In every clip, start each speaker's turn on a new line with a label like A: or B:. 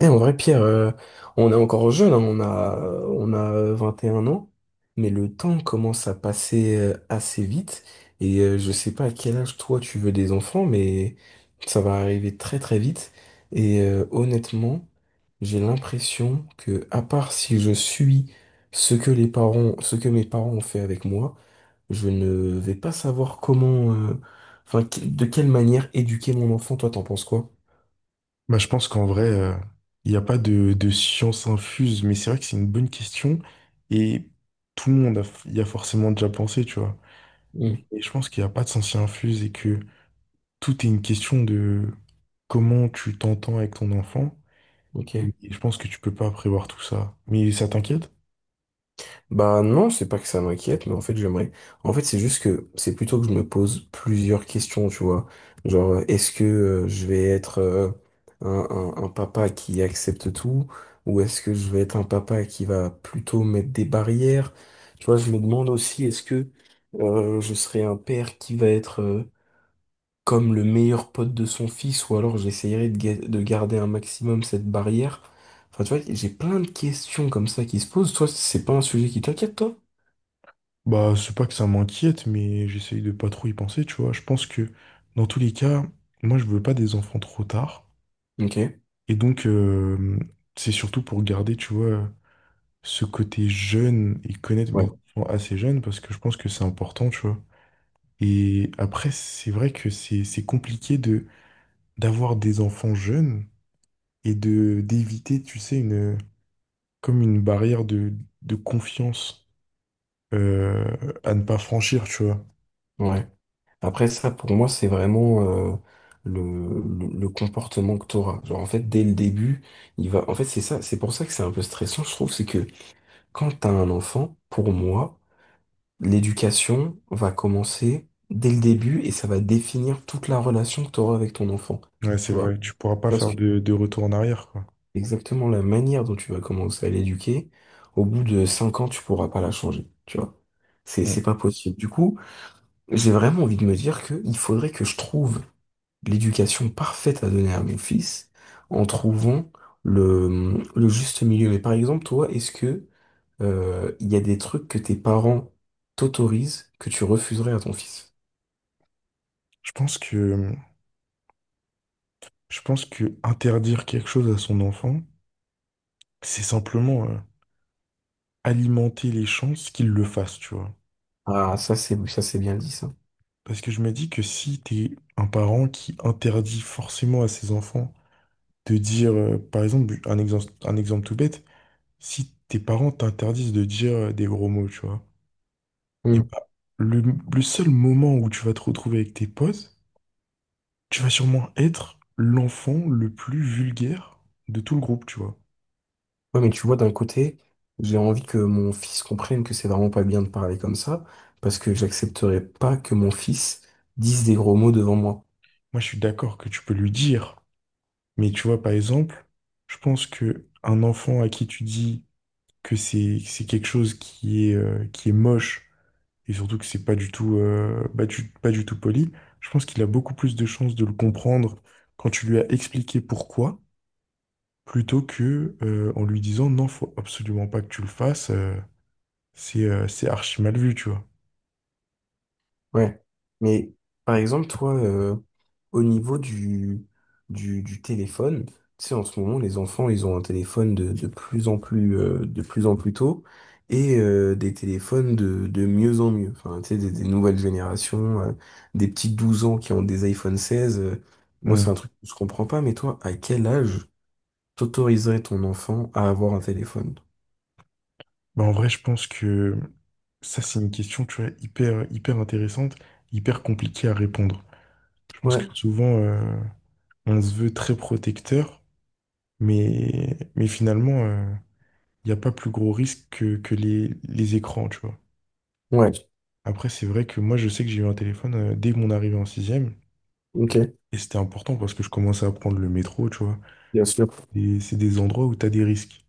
A: Eh, en vrai, Pierre, on est encore jeune, hein, on a 21 ans, mais le temps commence à passer assez vite. Et je sais pas à quel âge toi tu veux des enfants, mais ça va arriver très très vite. Et honnêtement, j'ai l'impression que, à part si je suis ce que mes parents ont fait avec moi, je ne vais pas savoir comment, enfin, de quelle manière éduquer mon enfant. Toi, t'en penses quoi?
B: Bah, je pense qu'en vrai, il n'y a pas de science infuse, mais c'est vrai que c'est une bonne question et tout le monde a- y a forcément déjà pensé, tu vois.
A: Hmm.
B: Et je pense qu'il n'y a pas de science infuse et que tout est une question de comment tu t'entends avec ton enfant.
A: Ok.
B: Et je pense que tu peux pas prévoir tout ça. Mais ça t'inquiète?
A: Bah non, c'est pas que ça m'inquiète, mais en fait j'aimerais. En fait, c'est juste que c'est plutôt que je me pose plusieurs questions, tu vois. Genre, est-ce que je vais être un, un papa qui accepte tout, ou est-ce que je vais être un papa qui va plutôt mettre des barrières? Tu vois, je me demande aussi, est-ce que je serai un père qui va être comme le meilleur pote de son fils, ou alors j'essayerai de garder un maximum cette barrière. Enfin, tu vois, j'ai plein de questions comme ça qui se posent. Toi, c'est pas un sujet qui t'inquiète, toi?
B: Bah, c'est pas que ça m'inquiète, mais j'essaye de pas trop y penser, tu vois. Je pense que dans tous les cas, moi, je veux pas des enfants trop tard.
A: Ok,
B: Et donc, c'est surtout pour garder, tu vois, ce côté jeune et connaître mes
A: ouais,
B: enfants assez jeunes parce que je pense que c'est important, tu vois. Et après, c'est vrai que c'est compliqué de d'avoir des enfants jeunes et de d'éviter, tu sais, une comme une barrière de confiance euh, à ne pas franchir, tu vois.
A: ouais. Après ça, pour moi, c'est vraiment euh, le, le comportement que t'auras. Genre, en fait, dès le début, il va. En fait, c'est ça, c'est pour ça que c'est un peu stressant, je trouve, c'est que quand t'as un enfant, pour moi, l'éducation va commencer dès le début et ça va définir toute la relation que t'auras avec ton enfant.
B: Ouais, c'est
A: Tu vois?
B: vrai, tu pourras pas
A: Parce que
B: faire de retour en arrière, quoi.
A: exactement la manière dont tu vas commencer à l'éduquer, au bout de 5 ans, tu pourras pas la changer. Tu vois?
B: Ouais.
A: C'est pas possible. Du coup. J'ai vraiment envie de me dire que il faudrait que je trouve l'éducation parfaite à donner à mon fils en trouvant le juste milieu. Mais par exemple, toi, est-ce que il y a des trucs que tes parents t'autorisent que tu refuserais à ton fils?
B: Je pense que je pense que interdire quelque chose à son enfant, c'est simplement alimenter les chances qu'il le fasse, tu vois.
A: Ah, ça c'est bien dit ça.
B: Parce que je me dis que si t'es un parent qui interdit forcément à ses enfants de dire, par exemple, un exemple tout bête, si tes parents t'interdisent de dire des gros mots, tu vois, et
A: Hmm.
B: bah, le seul moment où tu vas te retrouver avec tes potes, tu vas sûrement être l'enfant le plus vulgaire de tout le groupe, tu vois.
A: Ouais, mais tu vois, d'un côté, j'ai envie que mon fils comprenne que c'est vraiment pas bien de parler comme ça, parce que j'accepterai pas que mon fils dise des gros mots devant moi.
B: Moi, je suis d'accord que tu peux lui dire, mais tu vois, par exemple, je pense que un enfant à qui tu dis que c'est quelque chose qui est moche, et surtout que c'est pas du tout, pas du tout poli, je pense qu'il a beaucoup plus de chances de le comprendre quand tu lui as expliqué pourquoi, plutôt que en lui disant non, faut absolument pas que tu le fasses, c'est archi mal vu, tu vois.
A: Ouais. Mais par exemple, toi, au niveau du téléphone, tu sais, en ce moment, les enfants, ils ont un téléphone de plus en plus, de plus en plus tôt et des téléphones de mieux en mieux. Enfin, tu sais, des nouvelles générations, des petits 12 ans qui ont des iPhone 16. Moi, c'est
B: Hmm.
A: un truc que je comprends pas, mais toi, à quel âge t'autoriserais ton enfant à avoir un téléphone?
B: Bah, en vrai, je pense que ça, c'est une question, tu vois, hyper intéressante, hyper compliquée à répondre. Je pense
A: Ouais,
B: que souvent, on se veut très protecteur, mais finalement, il n'y a pas plus gros risque que les écrans, tu vois.
A: ouais,
B: Après, c'est vrai que moi, je sais que j'ai eu un téléphone dès mon arrivée en sixième.
A: ok,
B: Et c'était important parce que je commençais à prendre le métro, tu vois.
A: bien sûr,
B: Et c'est des endroits où tu as des risques.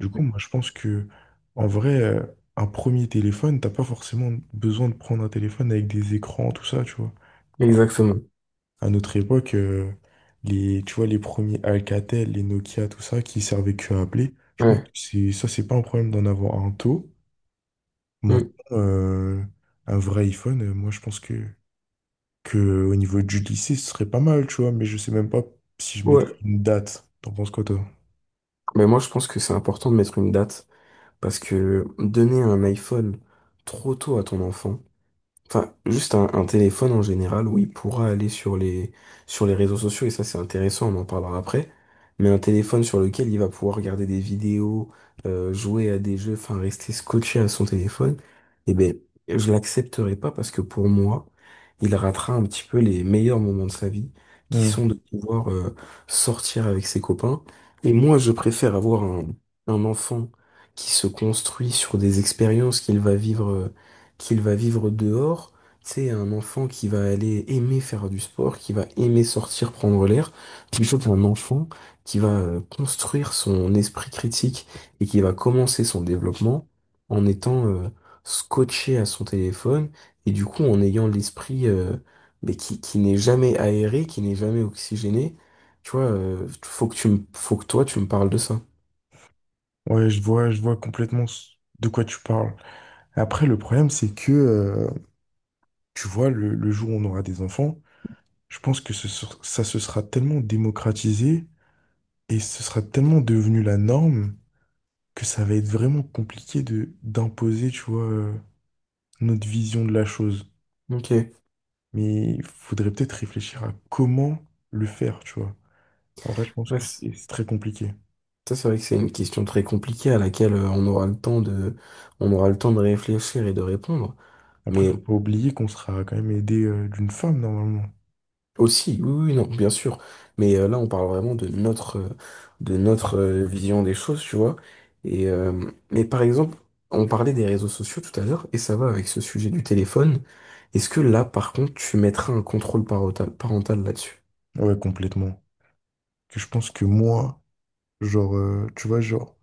B: Du coup, moi, je pense que, en vrai, un premier téléphone, t'as pas forcément besoin de prendre un téléphone avec des écrans, tout ça, tu vois.
A: exactement.
B: À notre époque, les, tu vois, les premiers Alcatel, les Nokia, tout ça, qui servaient que à appeler, je pense que
A: Ouais.
B: ça, c'est pas un problème d'en avoir un tôt. Maintenant,
A: Mm.
B: un vrai iPhone, moi, je pense que au niveau du lycée, ce serait pas mal, tu vois, mais je sais même pas si je
A: Ouais.
B: mettrais une date. T'en penses quoi, toi?
A: Mais moi, je pense que c'est important de mettre une date parce que donner un iPhone trop tôt à ton enfant. Enfin, juste un téléphone en général où il pourra aller sur les réseaux sociaux, et ça c'est intéressant, on en parlera après. Mais un téléphone sur lequel il va pouvoir regarder des vidéos, jouer à des jeux, enfin rester scotché à son téléphone, eh ben, je l'accepterai pas parce que pour moi, il ratera un petit peu les meilleurs moments de sa vie, qui
B: Hmm.
A: sont de pouvoir sortir avec ses copains. Et moi, je préfère avoir un enfant qui se construit sur des expériences qu'il va vivre. Qu'il va vivre dehors. C'est un enfant qui va aller aimer faire du sport, qui va aimer sortir, prendre l'air, plutôt qu'un enfant qui va construire son esprit critique et qui va commencer son développement en étant scotché à son téléphone et du coup en ayant l'esprit mais qui n'est jamais aéré, qui n'est jamais oxygéné. Tu vois, faut que faut que toi tu me parles de ça.
B: Ouais, je vois, de quoi tu parles. Après, le problème, c'est que, tu vois, le jour où on aura des enfants, je pense que ça se sera tellement démocratisé et ce sera tellement devenu la norme que ça va être vraiment compliqué de d'imposer, tu vois, notre vision de la chose.
A: Ok.
B: Mais il faudrait peut-être réfléchir à comment le faire, tu vois. En vrai, je pense que
A: Ouais.
B: c'est très compliqué.
A: Ça, c'est vrai que c'est une question très compliquée à laquelle on aura le temps on aura le temps de réfléchir et de répondre.
B: Après, faut
A: Mais
B: pas oublier qu'on sera quand même aidé d'une femme normalement.
A: aussi, oui, oui, oui, non, bien sûr. Mais là, on parle vraiment de notre,
B: Mm.
A: vision des choses, tu vois. Et mais par exemple, on parlait des réseaux sociaux tout à l'heure, et ça va avec ce sujet du téléphone. Est-ce que là, par contre, tu mettras un contrôle parental là-dessus?
B: Ouais, complètement. Que je pense que moi, tu vois, genre,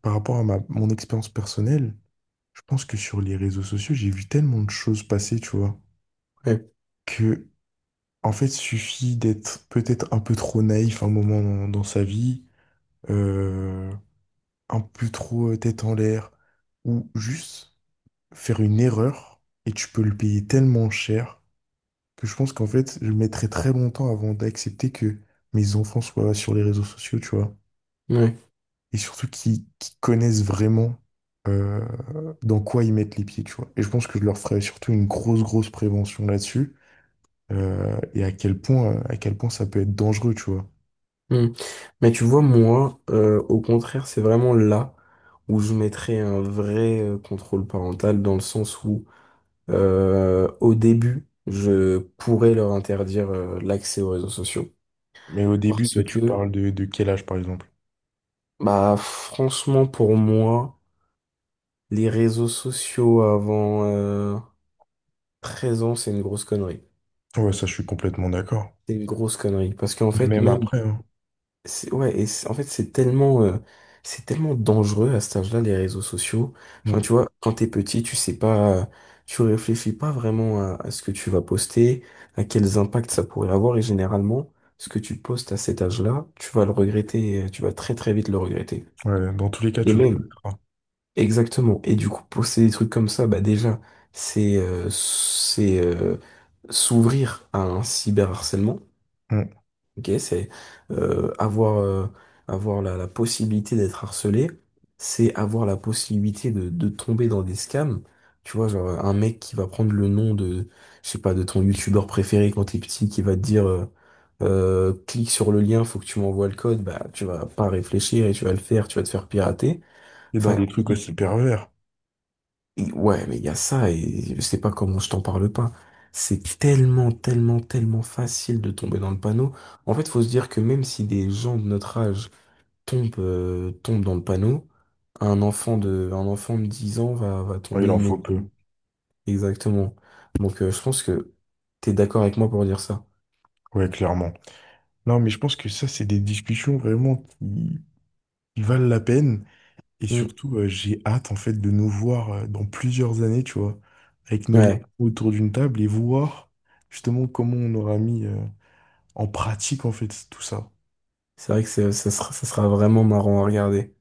B: par rapport à mon expérience personnelle, je pense que sur les réseaux sociaux, j'ai vu tellement de choses passer, tu vois,
A: Ouais.
B: que, en fait, suffit d'être peut-être un peu trop naïf un moment dans sa vie, euh, un peu trop tête en l'air, ou juste faire une erreur et tu peux le payer tellement cher que je pense qu'en fait, je mettrai très longtemps avant d'accepter que mes enfants soient sur les réseaux sociaux, tu vois.
A: Ouais.
B: Et surtout qu'ils connaissent vraiment euh, dans quoi ils mettent les pieds, tu vois. Et je pense que je leur ferai surtout une grosse prévention là-dessus et à quel point ça peut être dangereux, tu vois.
A: Hmm. Mais tu vois, moi, au contraire, c'est vraiment là où je mettrais un vrai contrôle parental dans le sens où, au début, je pourrais leur interdire l'accès aux réseaux sociaux.
B: Mais au début,
A: Parce
B: toi, tu
A: que,
B: parles de quel âge, par exemple?
A: bah, franchement, pour moi, les réseaux sociaux avant 13 ans, c'est une grosse connerie.
B: Ouais, ça, je suis complètement d'accord.
A: C'est une grosse connerie. Parce qu'en
B: Et
A: fait,
B: même
A: même.
B: après, hein.
A: C'est, ouais, et en fait, c'est tellement dangereux à cet âge-là, les réseaux sociaux. Enfin,
B: Mm.
A: tu vois, quand t'es petit, tu sais pas, tu réfléchis pas vraiment à ce que tu vas poster, à quels impacts ça pourrait avoir, et généralement, ce que tu postes à cet âge-là, tu vas le regretter, tu vas très très vite le regretter.
B: Ouais, dans tous les cas,
A: Et
B: tu le
A: même,
B: connaîtras.
A: exactement. Et du coup, poster des trucs comme ça, bah déjà, c'est, euh, c'est, euh, s'ouvrir à un cyberharcèlement.
B: Mm.
A: Ok, c'est euh, avoir, euh, avoir la possibilité d'être harcelé, c'est avoir la possibilité de tomber dans des scams. Tu vois, genre un mec qui va prendre le nom de, je sais pas, de ton youtubeur préféré quand t'es petit, qui va te dire clique sur le lien, faut que tu m'envoies le code, bah tu vas pas réfléchir et tu vas le faire, tu vas te faire pirater.
B: Et dans
A: Enfin,
B: des trucs aussi pervers.
A: et ouais, mais il y a ça et je sais pas comment je t'en parle pas. C'est tellement, tellement, tellement facile de tomber dans le panneau. En fait, faut se dire que même si des gens de notre âge tombent dans le panneau, un enfant de 10 ans va
B: Ouais, il
A: tomber
B: en faut peu.
A: immédiatement. Exactement. Donc, je pense que t'es d'accord avec moi pour dire ça.
B: Ouais, clairement. Non, mais je pense que ça, c'est des discussions vraiment qui valent la peine. Et
A: Mm.
B: surtout, j'ai hâte, en fait, de nous voir dans plusieurs années, tu vois, avec nos enfants
A: Ouais,
B: autour d'une table et voir justement comment on aura mis en pratique, en fait, tout ça.
A: c'est vrai que ça sera vraiment marrant à regarder.